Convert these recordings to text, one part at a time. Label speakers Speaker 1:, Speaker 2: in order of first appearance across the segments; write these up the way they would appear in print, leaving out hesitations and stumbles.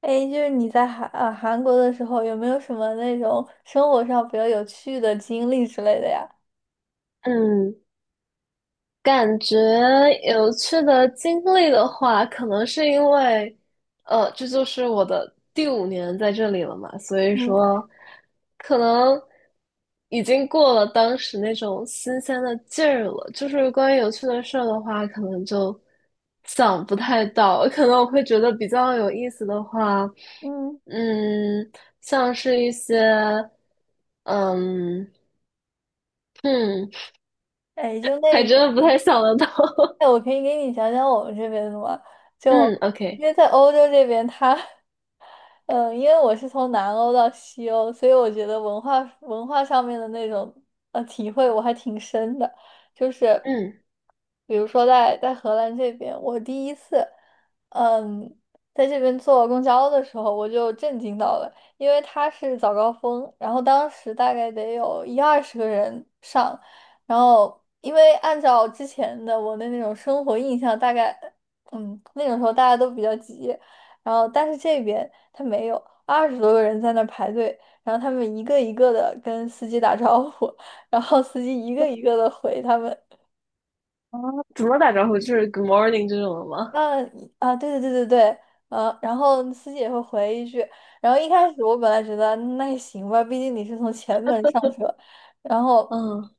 Speaker 1: 哎，就是你在韩国的时候，有没有什么那种生活上比较有趣的经历之类的呀？
Speaker 2: 嗯，感觉有趣的经历的话，可能是因为，这就是我的第五年在这里了嘛，所以
Speaker 1: 嗯。
Speaker 2: 说，可能已经过了当时那种新鲜的劲儿了。就是关于有趣的事儿的话，可能就想不太到，可能我会觉得比较有意思的话，
Speaker 1: 嗯。
Speaker 2: 嗯，像是一些，嗯，嗯，
Speaker 1: 哎，就
Speaker 2: 还
Speaker 1: 那
Speaker 2: 真的
Speaker 1: 种，
Speaker 2: 不太想得到。
Speaker 1: 哎，我可以给你讲讲我们这边的吗？就
Speaker 2: 嗯
Speaker 1: 因
Speaker 2: ，OK,
Speaker 1: 为在欧洲这边，他。嗯，因为我是从南欧到西欧，所以我觉得文化上面的那种体会我还挺深的。就是
Speaker 2: 嗯，
Speaker 1: 比如说在荷兰这边，我第一次嗯在这边坐公交的时候，我就震惊到了，因为它是早高峰，然后当时大概得有一二十个人上，然后因为按照之前的我的那种生活印象，大概那种时候大家都比较急。然后但是这边他没有，二十多个人在那儿排队，然后他们一个一个的跟司机打招呼，然后司机一个一个的回他们。
Speaker 2: 啊，怎么打招呼？就是 Good morning 这种的吗？
Speaker 1: 嗯啊，对对对对对。然后司机也会回一句，然后一开始我本来觉得那也行吧，毕竟你是从前门上车，然后
Speaker 2: 嗯，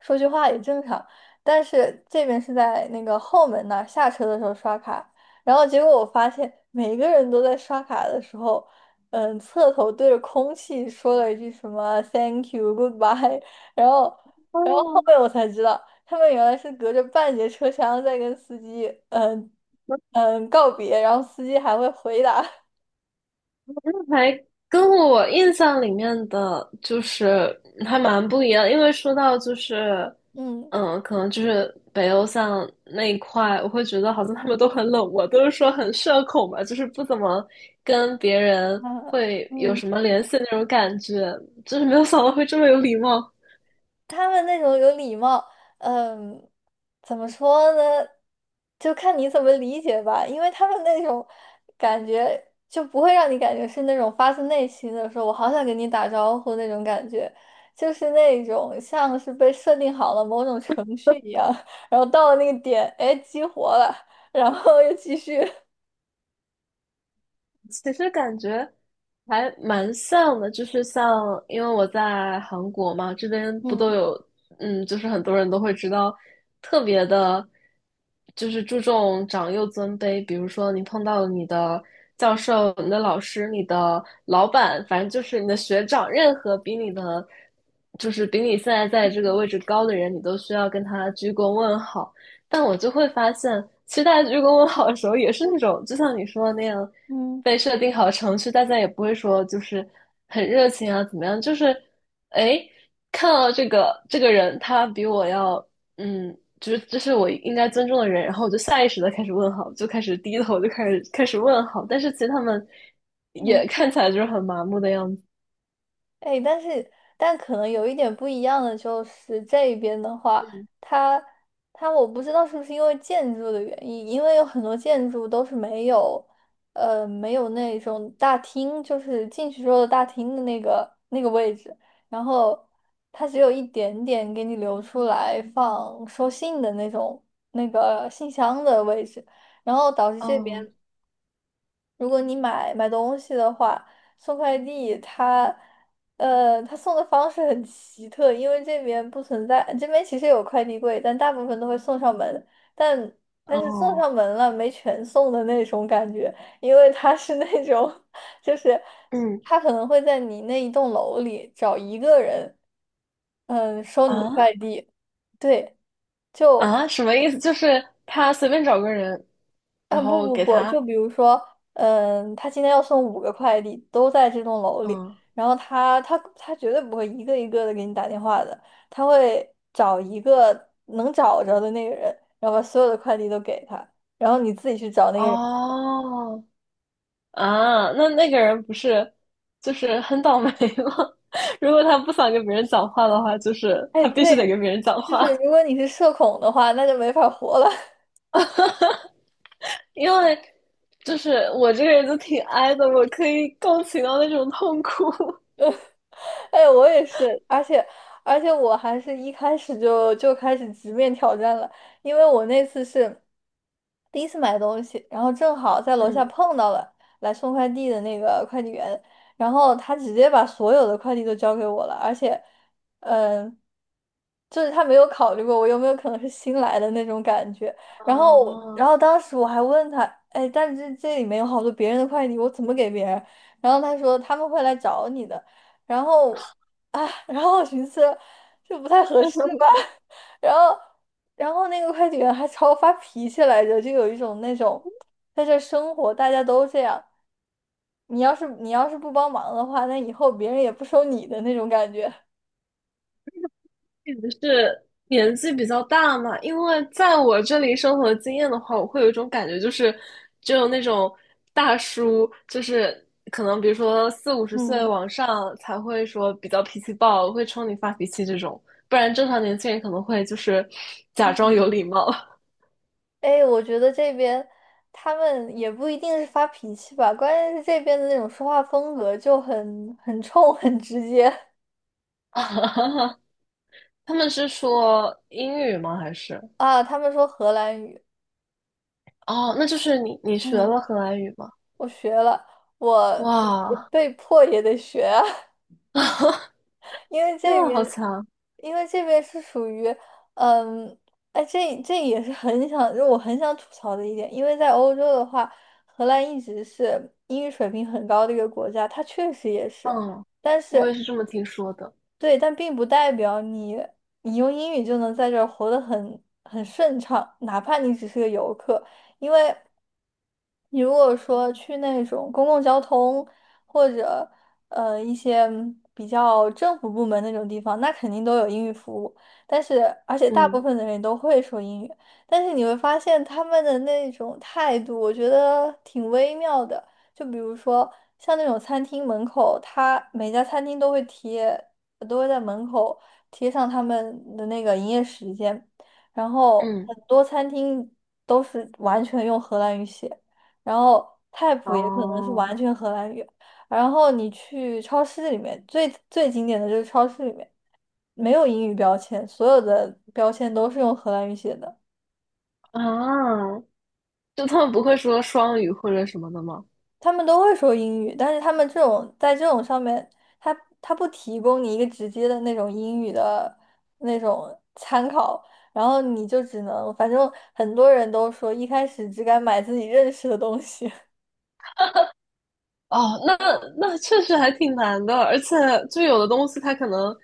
Speaker 1: 说句话也正常，但是这边是在那个后门那儿下车的时候刷卡，然后结果我发现每个人都在刷卡的时候，嗯，侧头对着空气说了一句什么 “Thank you, goodbye”，然后，然后后
Speaker 2: 哦，
Speaker 1: 面我才知道。他们原来是隔着半截车厢在跟司机告别，然后司机还会回答。
Speaker 2: 那还跟我印象里面的就是还蛮不一样，因为说到就是，
Speaker 1: 嗯
Speaker 2: 可能就是北欧像那一块，我会觉得好像他们都很冷漠，都是说很社恐嘛，就是不怎么跟别人
Speaker 1: 啊
Speaker 2: 会有
Speaker 1: 嗯。
Speaker 2: 什么联系的那种感觉，就是没有想到会这么有礼貌。
Speaker 1: 他们那种有礼貌，嗯，怎么说呢？就看你怎么理解吧，因为他们那种感觉就不会让你感觉是那种发自内心的说“我好想跟你打招呼”那种感觉，就是那种像是被设定好了某种程序一样，然后到了那个点，哎，激活了，然后又继续。
Speaker 2: 其实感觉还蛮像的，就是像，因为我在韩国嘛，这边 不都
Speaker 1: 嗯。
Speaker 2: 有，就是很多人都会知道，特别的，就是注重长幼尊卑。比如说，你碰到你的教授、你的老师、你的老板，反正就是你的学长，任何比你的，就是比你现在在这个位置高的人，你都需要跟他鞠躬问好。但我就会发现，其实大家鞠躬问好的时候，也是那种，就像你说的那样。
Speaker 1: 嗯。
Speaker 2: 被设定好程序，大家也不会说就是很热情啊，怎么样？就是哎，看到这个人，他比我要就是这是我应该尊重的人，然后我就下意识的开始问好，就开始低头，就开始问好。但是其实他们也
Speaker 1: 嗯。
Speaker 2: 看起来就是很麻木的样子。
Speaker 1: 哎，但是但可能有一点不一样的就是这边的话，
Speaker 2: 嗯，
Speaker 1: 它它我不知道是不是因为建筑的原因，因为有很多建筑都是没有，没有那种大厅，就是进去之后的大厅的那个位置，然后它只有一点点给你留出来放收信的那种那个信箱的位置，然后导致这
Speaker 2: 哦
Speaker 1: 边。如果你买东西的话，送快递他，他送的方式很奇特，因为这边不存在，这边其实有快递柜，但大部分都会送上门，但但是送
Speaker 2: 哦，
Speaker 1: 上门了没全送的那种感觉，因为他是那种，就是
Speaker 2: 嗯
Speaker 1: 他可能会在你那一栋楼里找一个人，嗯，收你的快
Speaker 2: 啊
Speaker 1: 递，对，就。
Speaker 2: 啊，什么意思？就是他随便找个人，
Speaker 1: 啊，
Speaker 2: 然
Speaker 1: 不
Speaker 2: 后
Speaker 1: 不
Speaker 2: 给
Speaker 1: 不，
Speaker 2: 他
Speaker 1: 就比如说，嗯，他今天要送五个快递，都在这栋楼里，
Speaker 2: 嗯
Speaker 1: 然后他绝对不会一个一个的给你打电话的，他会找一个能找着的那个人，然后把所有的快递都给他，然后你自己去找那个人。
Speaker 2: 哦啊，那个人不是就是很倒霉吗？如果他不想跟别人讲话的话，就是
Speaker 1: 哎，
Speaker 2: 他必须得跟
Speaker 1: 对，
Speaker 2: 别人讲
Speaker 1: 就是
Speaker 2: 话，
Speaker 1: 如果你是社恐的话，那就没法活了。
Speaker 2: 因为就是我这个人就挺 i 的，我可以共情到那种痛苦。
Speaker 1: 哎，我也是，而且我还是一开始就开始直面挑战了，因为我那次是第一次买东西，然后正好在楼下
Speaker 2: 嗯，
Speaker 1: 碰到了来送快递的那个快递员，然后他直接把所有的快递都交给我了，而且，嗯，就是他没有考虑过我有没有可能是新来的那种感觉，然后
Speaker 2: 啊，
Speaker 1: 然后当时我还问他，哎，但是这里面有好多别人的快递，我怎么给别人？然后他说他们会来找你的。然后啊，然后我寻思这不太合适吧，然后那个快递员还朝我发脾气来着，就有一种那种在这生活大家都这样，你要是不帮忙的话，那以后别人也不收你的那种感觉。
Speaker 2: 不是年纪比较大嘛，因为在我这里生活的经验的话，我会有一种感觉，就是只有那种大叔，就是可能比如说四五十岁
Speaker 1: 嗯。
Speaker 2: 往上才会说比较脾气暴，会冲你发脾气这种，不然正常年轻人可能会就是假装
Speaker 1: 嗯。
Speaker 2: 有礼貌。
Speaker 1: 哎，我觉得这边他们也不一定是发脾气吧，关键是这边的那种说话风格就很冲、很直接。
Speaker 2: 他们是说英语吗？还是
Speaker 1: 啊。他们说荷兰语。
Speaker 2: 哦，那就是你学
Speaker 1: 嗯，
Speaker 2: 了荷兰语吗？
Speaker 1: 我学了，我我
Speaker 2: 哇，
Speaker 1: 被迫也得学啊。因为
Speaker 2: 天
Speaker 1: 这
Speaker 2: 啊，好
Speaker 1: 边，
Speaker 2: 强！
Speaker 1: 因为这边是属于，嗯，哎，这也是很想，就我很想吐槽的一点，因为在欧洲的话，荷兰一直是英语水平很高的一个国家，它确实也是，
Speaker 2: 嗯，
Speaker 1: 但
Speaker 2: 我
Speaker 1: 是。
Speaker 2: 也是这么听说的。
Speaker 1: 对，但并不代表你用英语就能在这儿活得很顺畅，哪怕你只是个游客，因为你如果说去那种公共交通或者一些比较政府部门那种地方，那肯定都有英语服务，但是而且大部
Speaker 2: 嗯
Speaker 1: 分的人都会说英语，但是你会发现他们的那种态度，我觉得挺微妙的。就比如说像那种餐厅门口，他每家餐厅都会贴。我都会在门口贴上他们的那个营业时间，然后
Speaker 2: 嗯，
Speaker 1: 很多餐厅都是完全用荷兰语写，然后菜谱也可能是完
Speaker 2: 哦
Speaker 1: 全荷兰语，然后你去超市里面，最经典的就是超市里面没有英语标签，所有的标签都是用荷兰语写的。
Speaker 2: 啊，就他们不会说双语或者什么的吗？
Speaker 1: 他们都会说英语，但是他们这种在这种上面，他他不提供你一个直接的那种英语的那种参考，然后你就只能，反正很多人都说一开始只敢买自己认识的东西。
Speaker 2: 哦，那那确实还挺难的，而且就有的东西它可能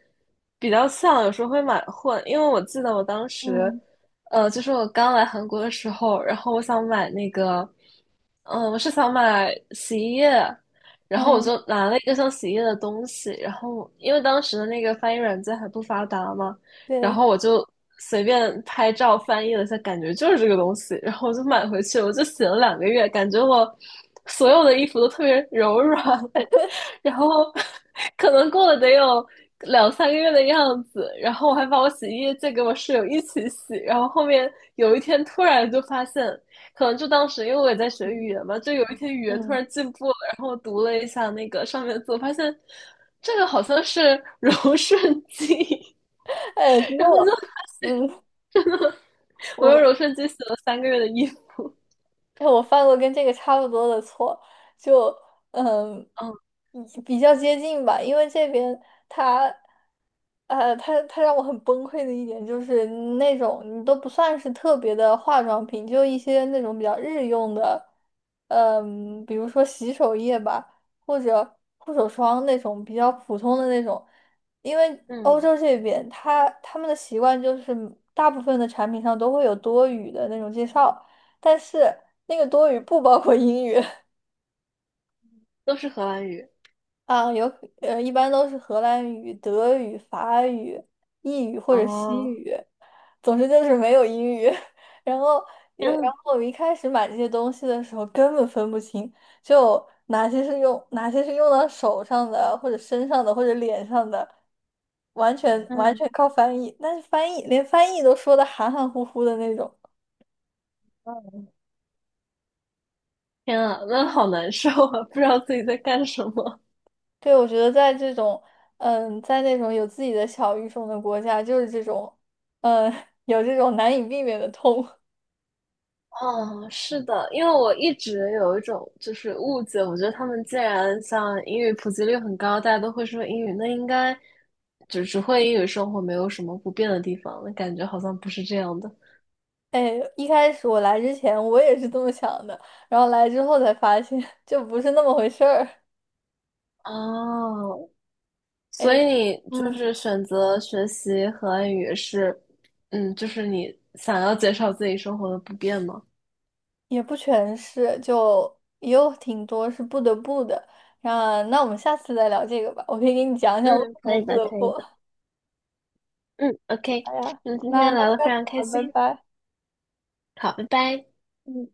Speaker 2: 比较像，有时候会买混。因为我记得我当时，
Speaker 1: 嗯。
Speaker 2: 就是我刚来韩国的时候，然后我想买那个，嗯、我是想买洗衣液，然后我
Speaker 1: 嗯。
Speaker 2: 就拿了一个像洗衣液的东西，然后因为当时的那个翻译软件还不发达嘛。然
Speaker 1: 对。
Speaker 2: 后我就随便拍照翻译了一下，感觉就是这个东西，然后我就买回去我就洗了2个月，感觉我所有的衣服都特别柔软，然后可能过了得有2、3个月的样子，然后我还把我洗衣液借给我室友一起洗，然后后面有一天突然就发现，可能就当时因为我也在学
Speaker 1: 嗯。
Speaker 2: 语言嘛，就有一天语言突
Speaker 1: 嗯。
Speaker 2: 然进步了，然后我读了一下那个上面的字，我发现这个好像是柔顺剂。
Speaker 1: 哎，其实
Speaker 2: 然后就
Speaker 1: 我，嗯，
Speaker 2: 我用
Speaker 1: 我。
Speaker 2: 柔顺剂洗了三个月的衣服，
Speaker 1: 哎，我犯过跟这个差不多的错，就嗯，
Speaker 2: 嗯
Speaker 1: 比较接近吧，因为这边他，他让我很崩溃的一点就是那种你都不算是特别的化妆品，就一些那种比较日用的，嗯，比如说洗手液吧，或者护手霜那种比较普通的那种，因为欧
Speaker 2: 嗯，
Speaker 1: 洲这边他们的习惯就是大部分的产品上都会有多余的那种介绍。但是那个多语不包括英语。
Speaker 2: 都是荷兰语。
Speaker 1: 啊，有一般都是荷兰语、德语、法语、意语或者西
Speaker 2: 哦，
Speaker 1: 语，总之就是没有英语。然后也，
Speaker 2: 天
Speaker 1: 然
Speaker 2: 啊，
Speaker 1: 后我一开始买这些东西的时候根本分不清，就哪些是用到手上的，或者身上的，或者脸上的，完
Speaker 2: 嗯，
Speaker 1: 全靠翻译。但是翻译连翻译都说的含含糊糊的那种。
Speaker 2: 嗯，天啊，那好难受啊，不知道自己在干什么。
Speaker 1: 对，我觉得在这种，嗯，在那种有自己的小语种的国家，就是这种，嗯，有这种难以避免的痛。
Speaker 2: 哦，是的，因为我一直有一种就是误解，我觉得他们既然像英语普及率很高，大家都会说英语，那应该就只会英语生活，没有什么不变的地方。那感觉好像不是这样的。
Speaker 1: 哎，一开始我来之前我也是这么想的，然后来之后才发现。 就不是那么回事儿。
Speaker 2: 哦，所
Speaker 1: 哎，
Speaker 2: 以你就
Speaker 1: 嗯，
Speaker 2: 是选择学习荷兰语是，嗯，就是你想要减少自己生活的不便吗？
Speaker 1: 也不全是，就也有挺多是不得不的。那我们下次再聊这个吧，我可以给你讲讲为
Speaker 2: 嗯，
Speaker 1: 什
Speaker 2: 可
Speaker 1: 么
Speaker 2: 以
Speaker 1: 不
Speaker 2: 的，
Speaker 1: 得
Speaker 2: 可以
Speaker 1: 不。
Speaker 2: 的。嗯，OK,
Speaker 1: 好呀，
Speaker 2: 那今天
Speaker 1: 那
Speaker 2: 聊得
Speaker 1: 下
Speaker 2: 非常开
Speaker 1: 次聊，拜
Speaker 2: 心。
Speaker 1: 拜。
Speaker 2: 好，拜拜。
Speaker 1: 嗯。